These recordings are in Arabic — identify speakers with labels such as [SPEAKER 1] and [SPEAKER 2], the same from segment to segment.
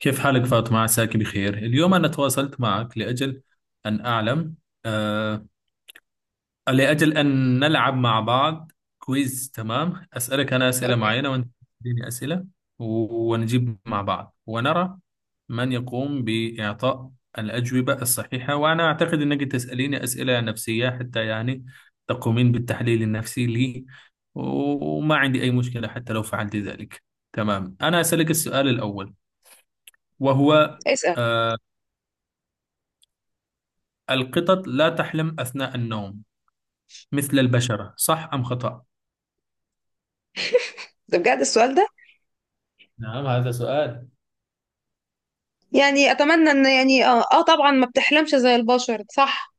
[SPEAKER 1] كيف حالك فاطمة، عساك بخير اليوم؟ أنا تواصلت معك لأجل أن أعلم، آه لأجل أن نلعب مع بعض كويز. تمام، أسألك أنا أسئلة
[SPEAKER 2] اوكي.
[SPEAKER 1] معينة وأنت تديني أسئلة، ونجيب مع بعض ونرى من يقوم بإعطاء الأجوبة الصحيحة. وأنا أعتقد أنك تسأليني أسئلة نفسية حتى يعني تقومين بالتحليل النفسي لي، و- وما عندي أي مشكلة حتى لو فعلت ذلك. تمام، أنا أسألك السؤال الأول وهو:
[SPEAKER 2] اسأل.
[SPEAKER 1] آه، القطط لا تحلم أثناء النوم مثل البشرة، صح أم خطأ؟
[SPEAKER 2] ده بجد السؤال ده؟
[SPEAKER 1] نعم، هذا سؤال.
[SPEAKER 2] يعني اتمنى ان يعني طبعا ما بتحلمش زي البشر، صح؟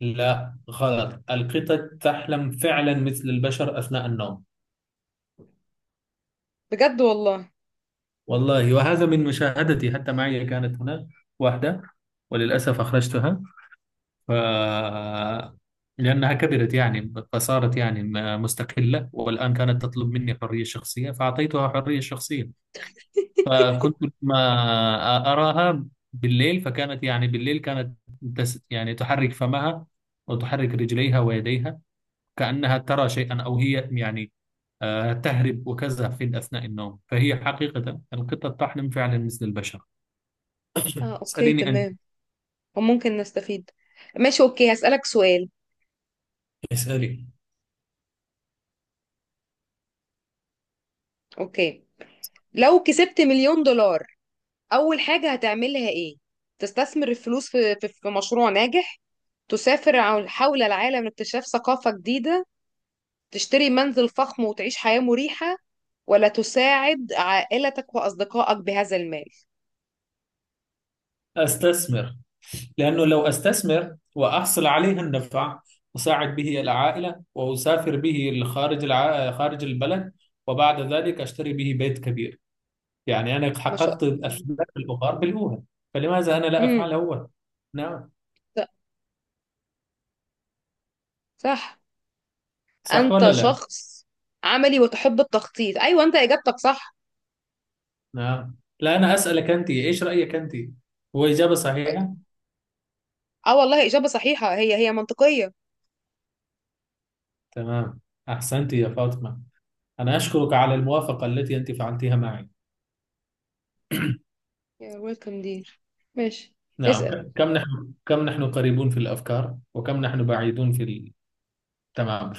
[SPEAKER 1] لا، غلط. القطط تحلم فعلا مثل البشر أثناء النوم.
[SPEAKER 2] بجد والله.
[SPEAKER 1] والله، وهذا من مشاهدتي. حتى معي كانت هناك واحدة، وللأسف أخرجتها، ف... لأنها كبرت يعني، فصارت يعني مستقلة. والآن كانت تطلب مني حرية شخصية، فأعطيتها حرية شخصية. فكنت ما أراها بالليل، فكانت يعني بالليل كانت يعني تحرك فمها وتحرك رجليها ويديها، كأنها ترى شيئا، أو هي يعني تهرب وكذا في أثناء النوم. فهي حقيقة القطة تحلم فعلا مثل البشر.
[SPEAKER 2] اه، اوكي
[SPEAKER 1] اسأليني أنت.
[SPEAKER 2] تمام. وممكن نستفيد. ماشي، اوكي، هسألك سؤال.
[SPEAKER 1] اسألي.
[SPEAKER 2] اوكي، لو كسبت مليون دولار، اول حاجة هتعملها ايه؟ تستثمر الفلوس في في مشروع ناجح؟ تسافر حول العالم لاكتشاف ثقافة جديدة؟ تشتري منزل فخم وتعيش حياة مريحة؟ ولا تساعد عائلتك وأصدقائك بهذا المال؟
[SPEAKER 1] أستثمر، لأنه لو أستثمر وأحصل عليه النفع، أساعد به العائلة، وأسافر به لخارج خارج البلد، وبعد ذلك أشتري به بيت كبير. يعني أنا
[SPEAKER 2] ما شاء
[SPEAKER 1] حققت
[SPEAKER 2] الله.
[SPEAKER 1] أسباب البخار بالأولى، فلماذا أنا لا
[SPEAKER 2] امم
[SPEAKER 1] أفعل هو؟ نعم.
[SPEAKER 2] صح.
[SPEAKER 1] صح
[SPEAKER 2] انت
[SPEAKER 1] ولا لا؟
[SPEAKER 2] شخص عملي وتحب التخطيط، ايوه، انت اجابتك صح.
[SPEAKER 1] نعم، لا، أنا أسألك أنت، إيش رأيك أنت؟ هو إجابة صحيحة.
[SPEAKER 2] اه والله اجابه صحيحه، هي منطقيه.
[SPEAKER 1] تمام، أحسنت يا فاطمة. أنا أشكرك على الموافقة التي أنت فعلتها معي.
[SPEAKER 2] يا ويلكم دير. ماشي.
[SPEAKER 1] نعم،
[SPEAKER 2] اسال.
[SPEAKER 1] كم نحن قريبون في الأفكار، وكم نحن بعيدون في ال... تمام.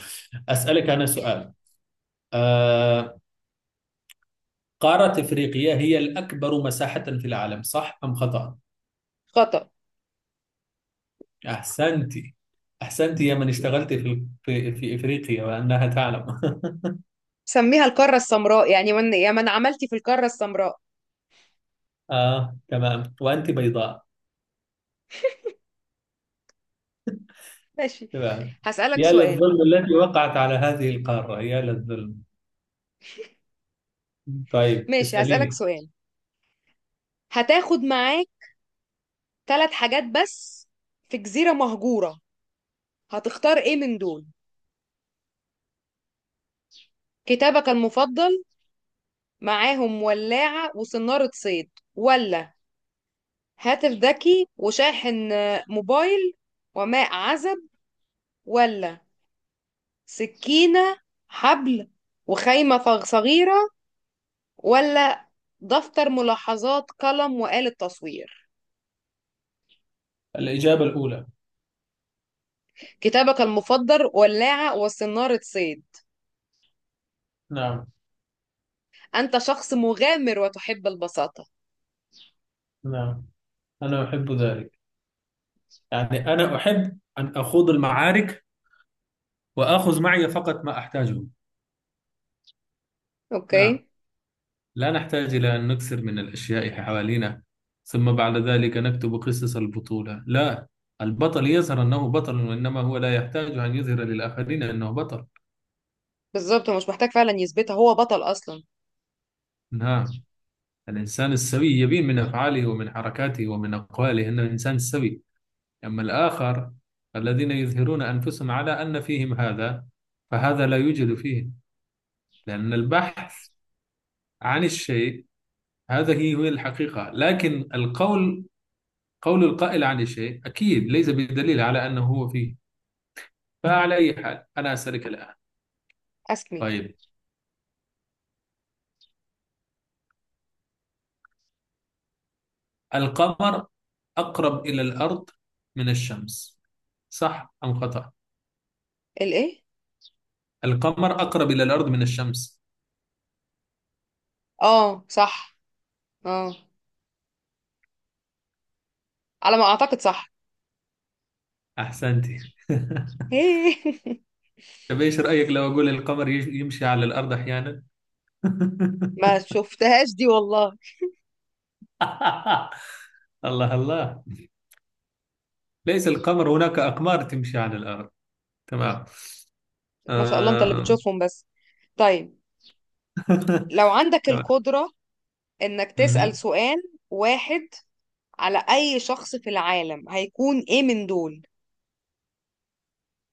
[SPEAKER 1] أسألك أنا سؤال. آه... قارة إفريقيا هي الأكبر مساحة في العالم، صح أم خطأ؟
[SPEAKER 2] خطأ.
[SPEAKER 1] أحسنتي، أحسنتي يا من اشتغلت في إفريقيا وأنها تعلم.
[SPEAKER 2] سميها القاره السمراء، يعني من يا من عملتي في القاره السمراء.
[SPEAKER 1] آه، تمام، وأنت بيضاء.
[SPEAKER 2] ماشي،
[SPEAKER 1] تمام.
[SPEAKER 2] هسالك
[SPEAKER 1] يا
[SPEAKER 2] سؤال.
[SPEAKER 1] للظلم التي وقعت على هذه القارة، يا للظلم. طيب،
[SPEAKER 2] ماشي، هسالك
[SPEAKER 1] اسأليني.
[SPEAKER 2] سؤال. هتاخد معاك ثلاث حاجات بس في جزيره مهجوره، هتختار ايه من دول؟ كتابك المفضل معاهم، ولاعه وصناره صيد؟ ولا هاتف ذكي وشاحن، موبايل وماء عزب؟ ولا سكينة، حبل، وخيمة صغيرة؟ ولا دفتر ملاحظات، قلم، وآلة تصوير؟
[SPEAKER 1] الإجابة الأولى.
[SPEAKER 2] كتابك المفضل، ولاعة وصنارة صيد.
[SPEAKER 1] نعم.
[SPEAKER 2] أنت شخص مغامر وتحب البساطة.
[SPEAKER 1] نعم، أنا أحب ذلك. يعني أنا أحب أن أخوض المعارك، وآخذ معي فقط ما أحتاجه. نعم،
[SPEAKER 2] أوكي.
[SPEAKER 1] لا نحتاج إلى أن نكثر من الأشياء حوالينا، ثم بعد ذلك نكتب قصص البطولة. لا، البطل يظهر أنه بطل، وإنما هو لا يحتاج أن يظهر للآخرين أنه بطل.
[SPEAKER 2] بالظبط، هو مش محتاج فعلا يثبتها، هو بطل أصلا.
[SPEAKER 1] نعم، الإنسان السوي يبين من أفعاله ومن حركاته ومن أقواله أنه إنسان سوي. أما الآخر، الذين يظهرون أنفسهم على أن فيهم هذا، فهذا لا يوجد فيه، لأن البحث عن الشيء هذه هي الحقيقة. لكن القول، قول القائل عن الشيء، أكيد ليس بدليل على أنه هو فيه. فعلى أي حال، أنا أسألك الآن.
[SPEAKER 2] أسمي.
[SPEAKER 1] طيب، القمر أقرب إلى الأرض من الشمس، صح أم خطأ؟
[SPEAKER 2] الإيه؟
[SPEAKER 1] القمر أقرب إلى الأرض من الشمس.
[SPEAKER 2] آه صح. آه، على ما أعتقد صح.
[SPEAKER 1] أحسنت. طب، إيش رأيك لو أقول القمر يمشي على الأرض أحيانا؟
[SPEAKER 2] ما شفتهاش دي والله.
[SPEAKER 1] الله الله. ليس القمر، هناك أقمار تمشي على الأرض. تمام.
[SPEAKER 2] ما شاء الله، انت اللي
[SPEAKER 1] آه.
[SPEAKER 2] بتشوفهم بس. طيب، لو عندك
[SPEAKER 1] تمام.
[SPEAKER 2] القدرة انك تسأل
[SPEAKER 1] مهم.
[SPEAKER 2] سؤال واحد على اي شخص في العالم، هيكون ايه من دول؟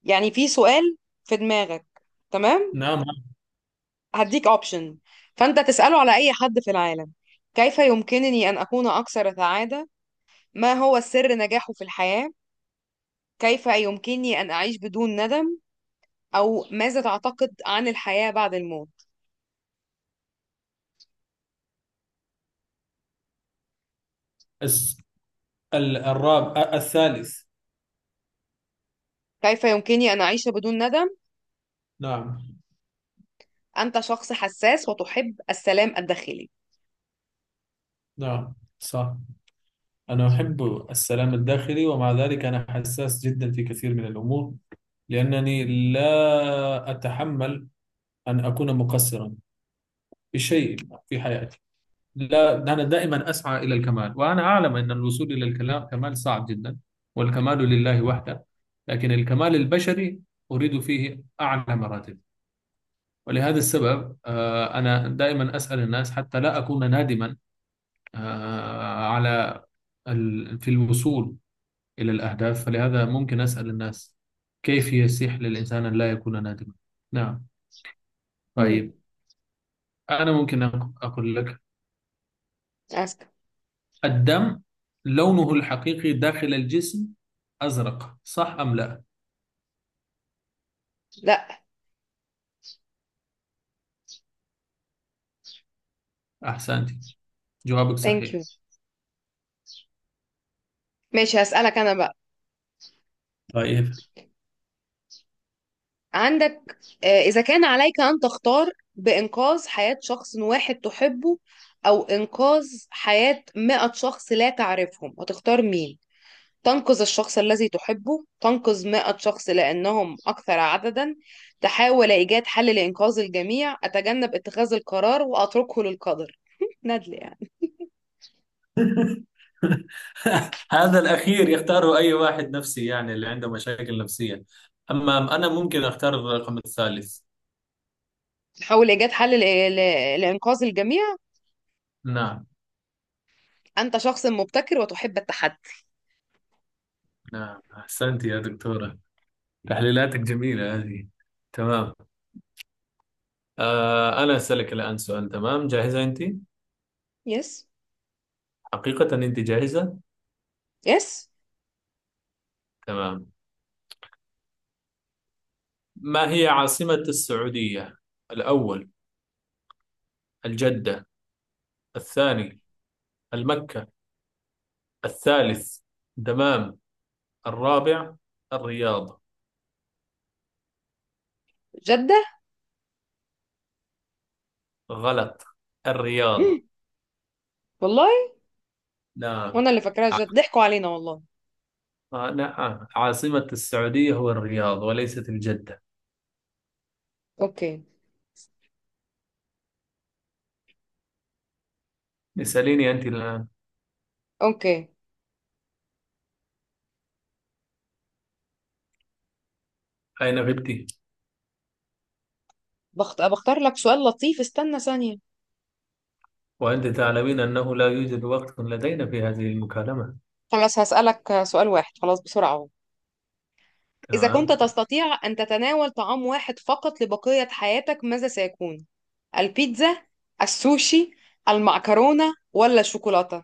[SPEAKER 2] يعني في سؤال في دماغك، تمام؟
[SPEAKER 1] نعم،
[SPEAKER 2] هديك اوبشن، فانت تسأله على اي حد في العالم. كيف يمكنني ان اكون اكثر سعادة؟ ما هو سر نجاحه في الحياة؟ كيف يمكنني ان اعيش بدون ندم؟ او ماذا تعتقد عن الحياة بعد الموت؟
[SPEAKER 1] الرابع، الثالث.
[SPEAKER 2] كيف يمكنني ان اعيش بدون ندم.
[SPEAKER 1] نعم.
[SPEAKER 2] أنت شخص حساس وتحب السلام الداخلي.
[SPEAKER 1] نعم، صح. أنا أحب السلام الداخلي، ومع ذلك أنا حساس جدا في كثير من الأمور، لأنني لا أتحمل أن أكون مقصرا في شيء في حياتي. لا، أنا دائما أسعى إلى الكمال، وأنا أعلم أن الوصول إلى الكلام كمال صعب جدا، والكمال لله وحده. لكن الكمال البشري أريد فيه أعلى مراتب. ولهذا السبب أنا دائما أسأل الناس حتى لا أكون نادما، على في الوصول إلى الأهداف. فلهذا ممكن أسأل الناس كيف يسيح للإنسان أن لا يكون نادما. نعم.
[SPEAKER 2] مم.
[SPEAKER 1] طيب. أنا ممكن أقول لك:
[SPEAKER 2] أسكت.
[SPEAKER 1] الدم لونه الحقيقي داخل الجسم أزرق، صح أم لا؟
[SPEAKER 2] لا.
[SPEAKER 1] أحسنت. جوابك
[SPEAKER 2] ثانك
[SPEAKER 1] صحيح.
[SPEAKER 2] يو. ماشي، هسألك أنا بقى.
[SPEAKER 1] طيب.
[SPEAKER 2] عندك، إذا كان عليك أن تختار بإنقاذ حياة شخص واحد تحبه، أو إنقاذ حياة 100 شخص لا تعرفهم، هتختار مين؟ تنقذ الشخص الذي تحبه؟ تنقذ 100 شخص لأنهم أكثر عددا؟ تحاول إيجاد حل لإنقاذ الجميع؟ أتجنب اتخاذ القرار وأتركه للقدر؟ ندل يعني.
[SPEAKER 1] هذا الأخير يختاره أي واحد نفسي، يعني اللي عنده مشاكل نفسية. أما أنا ممكن أختار الرقم الثالث.
[SPEAKER 2] تحاول إيجاد حل لإنقاذ الجميع.
[SPEAKER 1] نعم.
[SPEAKER 2] أنت شخص مبتكر وتحب التحدي.
[SPEAKER 1] نعم، أحسنت يا دكتورة. تحليلاتك جميلة هذه. تمام. أنا أسألك الآن سؤال، تمام؟ جاهزة أنت؟
[SPEAKER 2] يس.
[SPEAKER 1] حقيقة أنت جاهزة؟
[SPEAKER 2] يس.
[SPEAKER 1] تمام. ما هي عاصمة السعودية؟ الأول: الجدة. الثاني: المكة. الثالث: دمام. الرابع: الرياض.
[SPEAKER 2] جدة.
[SPEAKER 1] غلط.
[SPEAKER 2] مم.
[SPEAKER 1] الرياض.
[SPEAKER 2] والله.
[SPEAKER 1] نعم.
[SPEAKER 2] وأنا اللي فاكراها جدة، ضحكوا علينا والله.
[SPEAKER 1] آه، نعم، عاصمة السعودية هو الرياض وليست الجدة.
[SPEAKER 2] أوكي.
[SPEAKER 1] اسأليني أنت الآن.
[SPEAKER 2] أوكي.
[SPEAKER 1] أين غبت؟
[SPEAKER 2] بختار لك سؤال لطيف، استنى ثانية.
[SPEAKER 1] وأنت تعلمين أنه لا يوجد وقت لدينا في هذه المكالمة.
[SPEAKER 2] خلاص هسألك سؤال واحد، خلاص، بسرعة أهو. إذا كنت
[SPEAKER 1] تمام.
[SPEAKER 2] تستطيع أن تتناول طعام واحد فقط لبقية حياتك، ماذا سيكون؟ البيتزا؟ السوشي؟ المعكرونة؟ ولا الشوكولاتة؟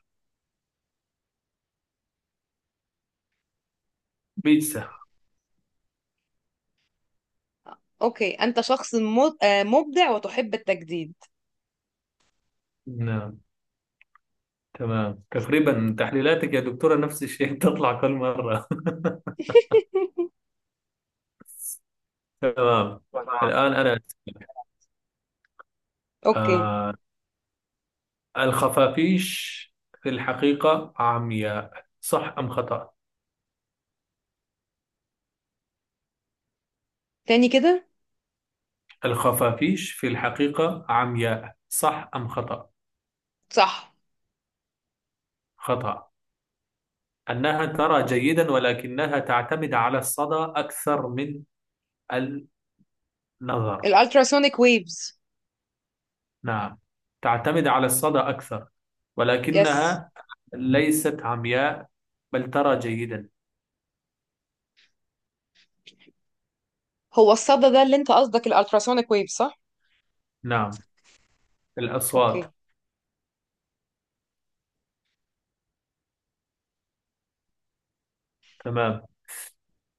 [SPEAKER 1] بيتزا.
[SPEAKER 2] أوكي، أنت شخص مبدع وتحب التجديد.
[SPEAKER 1] نعم. تمام، تقريبا تحليلاتك يا دكتورة نفس الشيء تطلع كل مرة. تمام. الآن أنا
[SPEAKER 2] أوكي.
[SPEAKER 1] آه الخفافيش في الحقيقة عمياء، صح أم خطأ؟
[SPEAKER 2] تاني كده.
[SPEAKER 1] الخفافيش في الحقيقة عمياء، صح أم خطأ؟
[SPEAKER 2] صح.
[SPEAKER 1] خطأ. أنها ترى جيدا، ولكنها تعتمد على الصدى أكثر من النظر.
[SPEAKER 2] الالتراسونيك ويفز.
[SPEAKER 1] نعم، تعتمد على الصدى أكثر،
[SPEAKER 2] يس.
[SPEAKER 1] ولكنها ليست عمياء، بل ترى جيدا.
[SPEAKER 2] هو الصدى ده اللي انت قصدك، الالتراسونيك ويفز، صح؟
[SPEAKER 1] نعم، الأصوات.
[SPEAKER 2] اوكي.
[SPEAKER 1] تمام،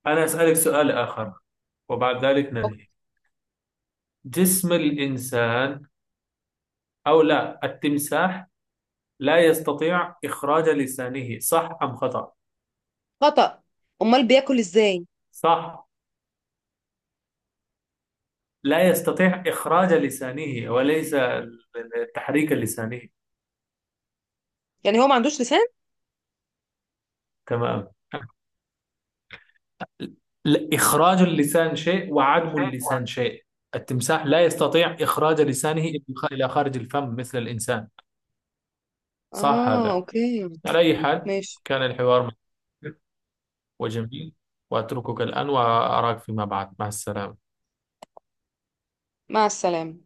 [SPEAKER 1] أنا أسألك سؤال آخر وبعد ذلك
[SPEAKER 2] أوكي.
[SPEAKER 1] ننهي. جسم الإنسان، أو لا، التمساح لا يستطيع إخراج لسانه، صح أم خطأ؟
[SPEAKER 2] خطأ. امال بياكل ازاي؟
[SPEAKER 1] صح، لا يستطيع إخراج لسانه، وليس التحريك اللساني.
[SPEAKER 2] يعني هو ما عندوش لسان.
[SPEAKER 1] تمام. لا، إخراج اللسان شيء وعدم اللسان شيء. التمساح لا يستطيع إخراج لسانه إلى خارج الفم مثل الإنسان. صح
[SPEAKER 2] اه
[SPEAKER 1] هذا.
[SPEAKER 2] اوكي.
[SPEAKER 1] على أي حال،
[SPEAKER 2] ماشي.
[SPEAKER 1] كان الحوار مثير وجميل، وأتركك الآن وأراك فيما بعد، مع السلامة.
[SPEAKER 2] مع السلامة.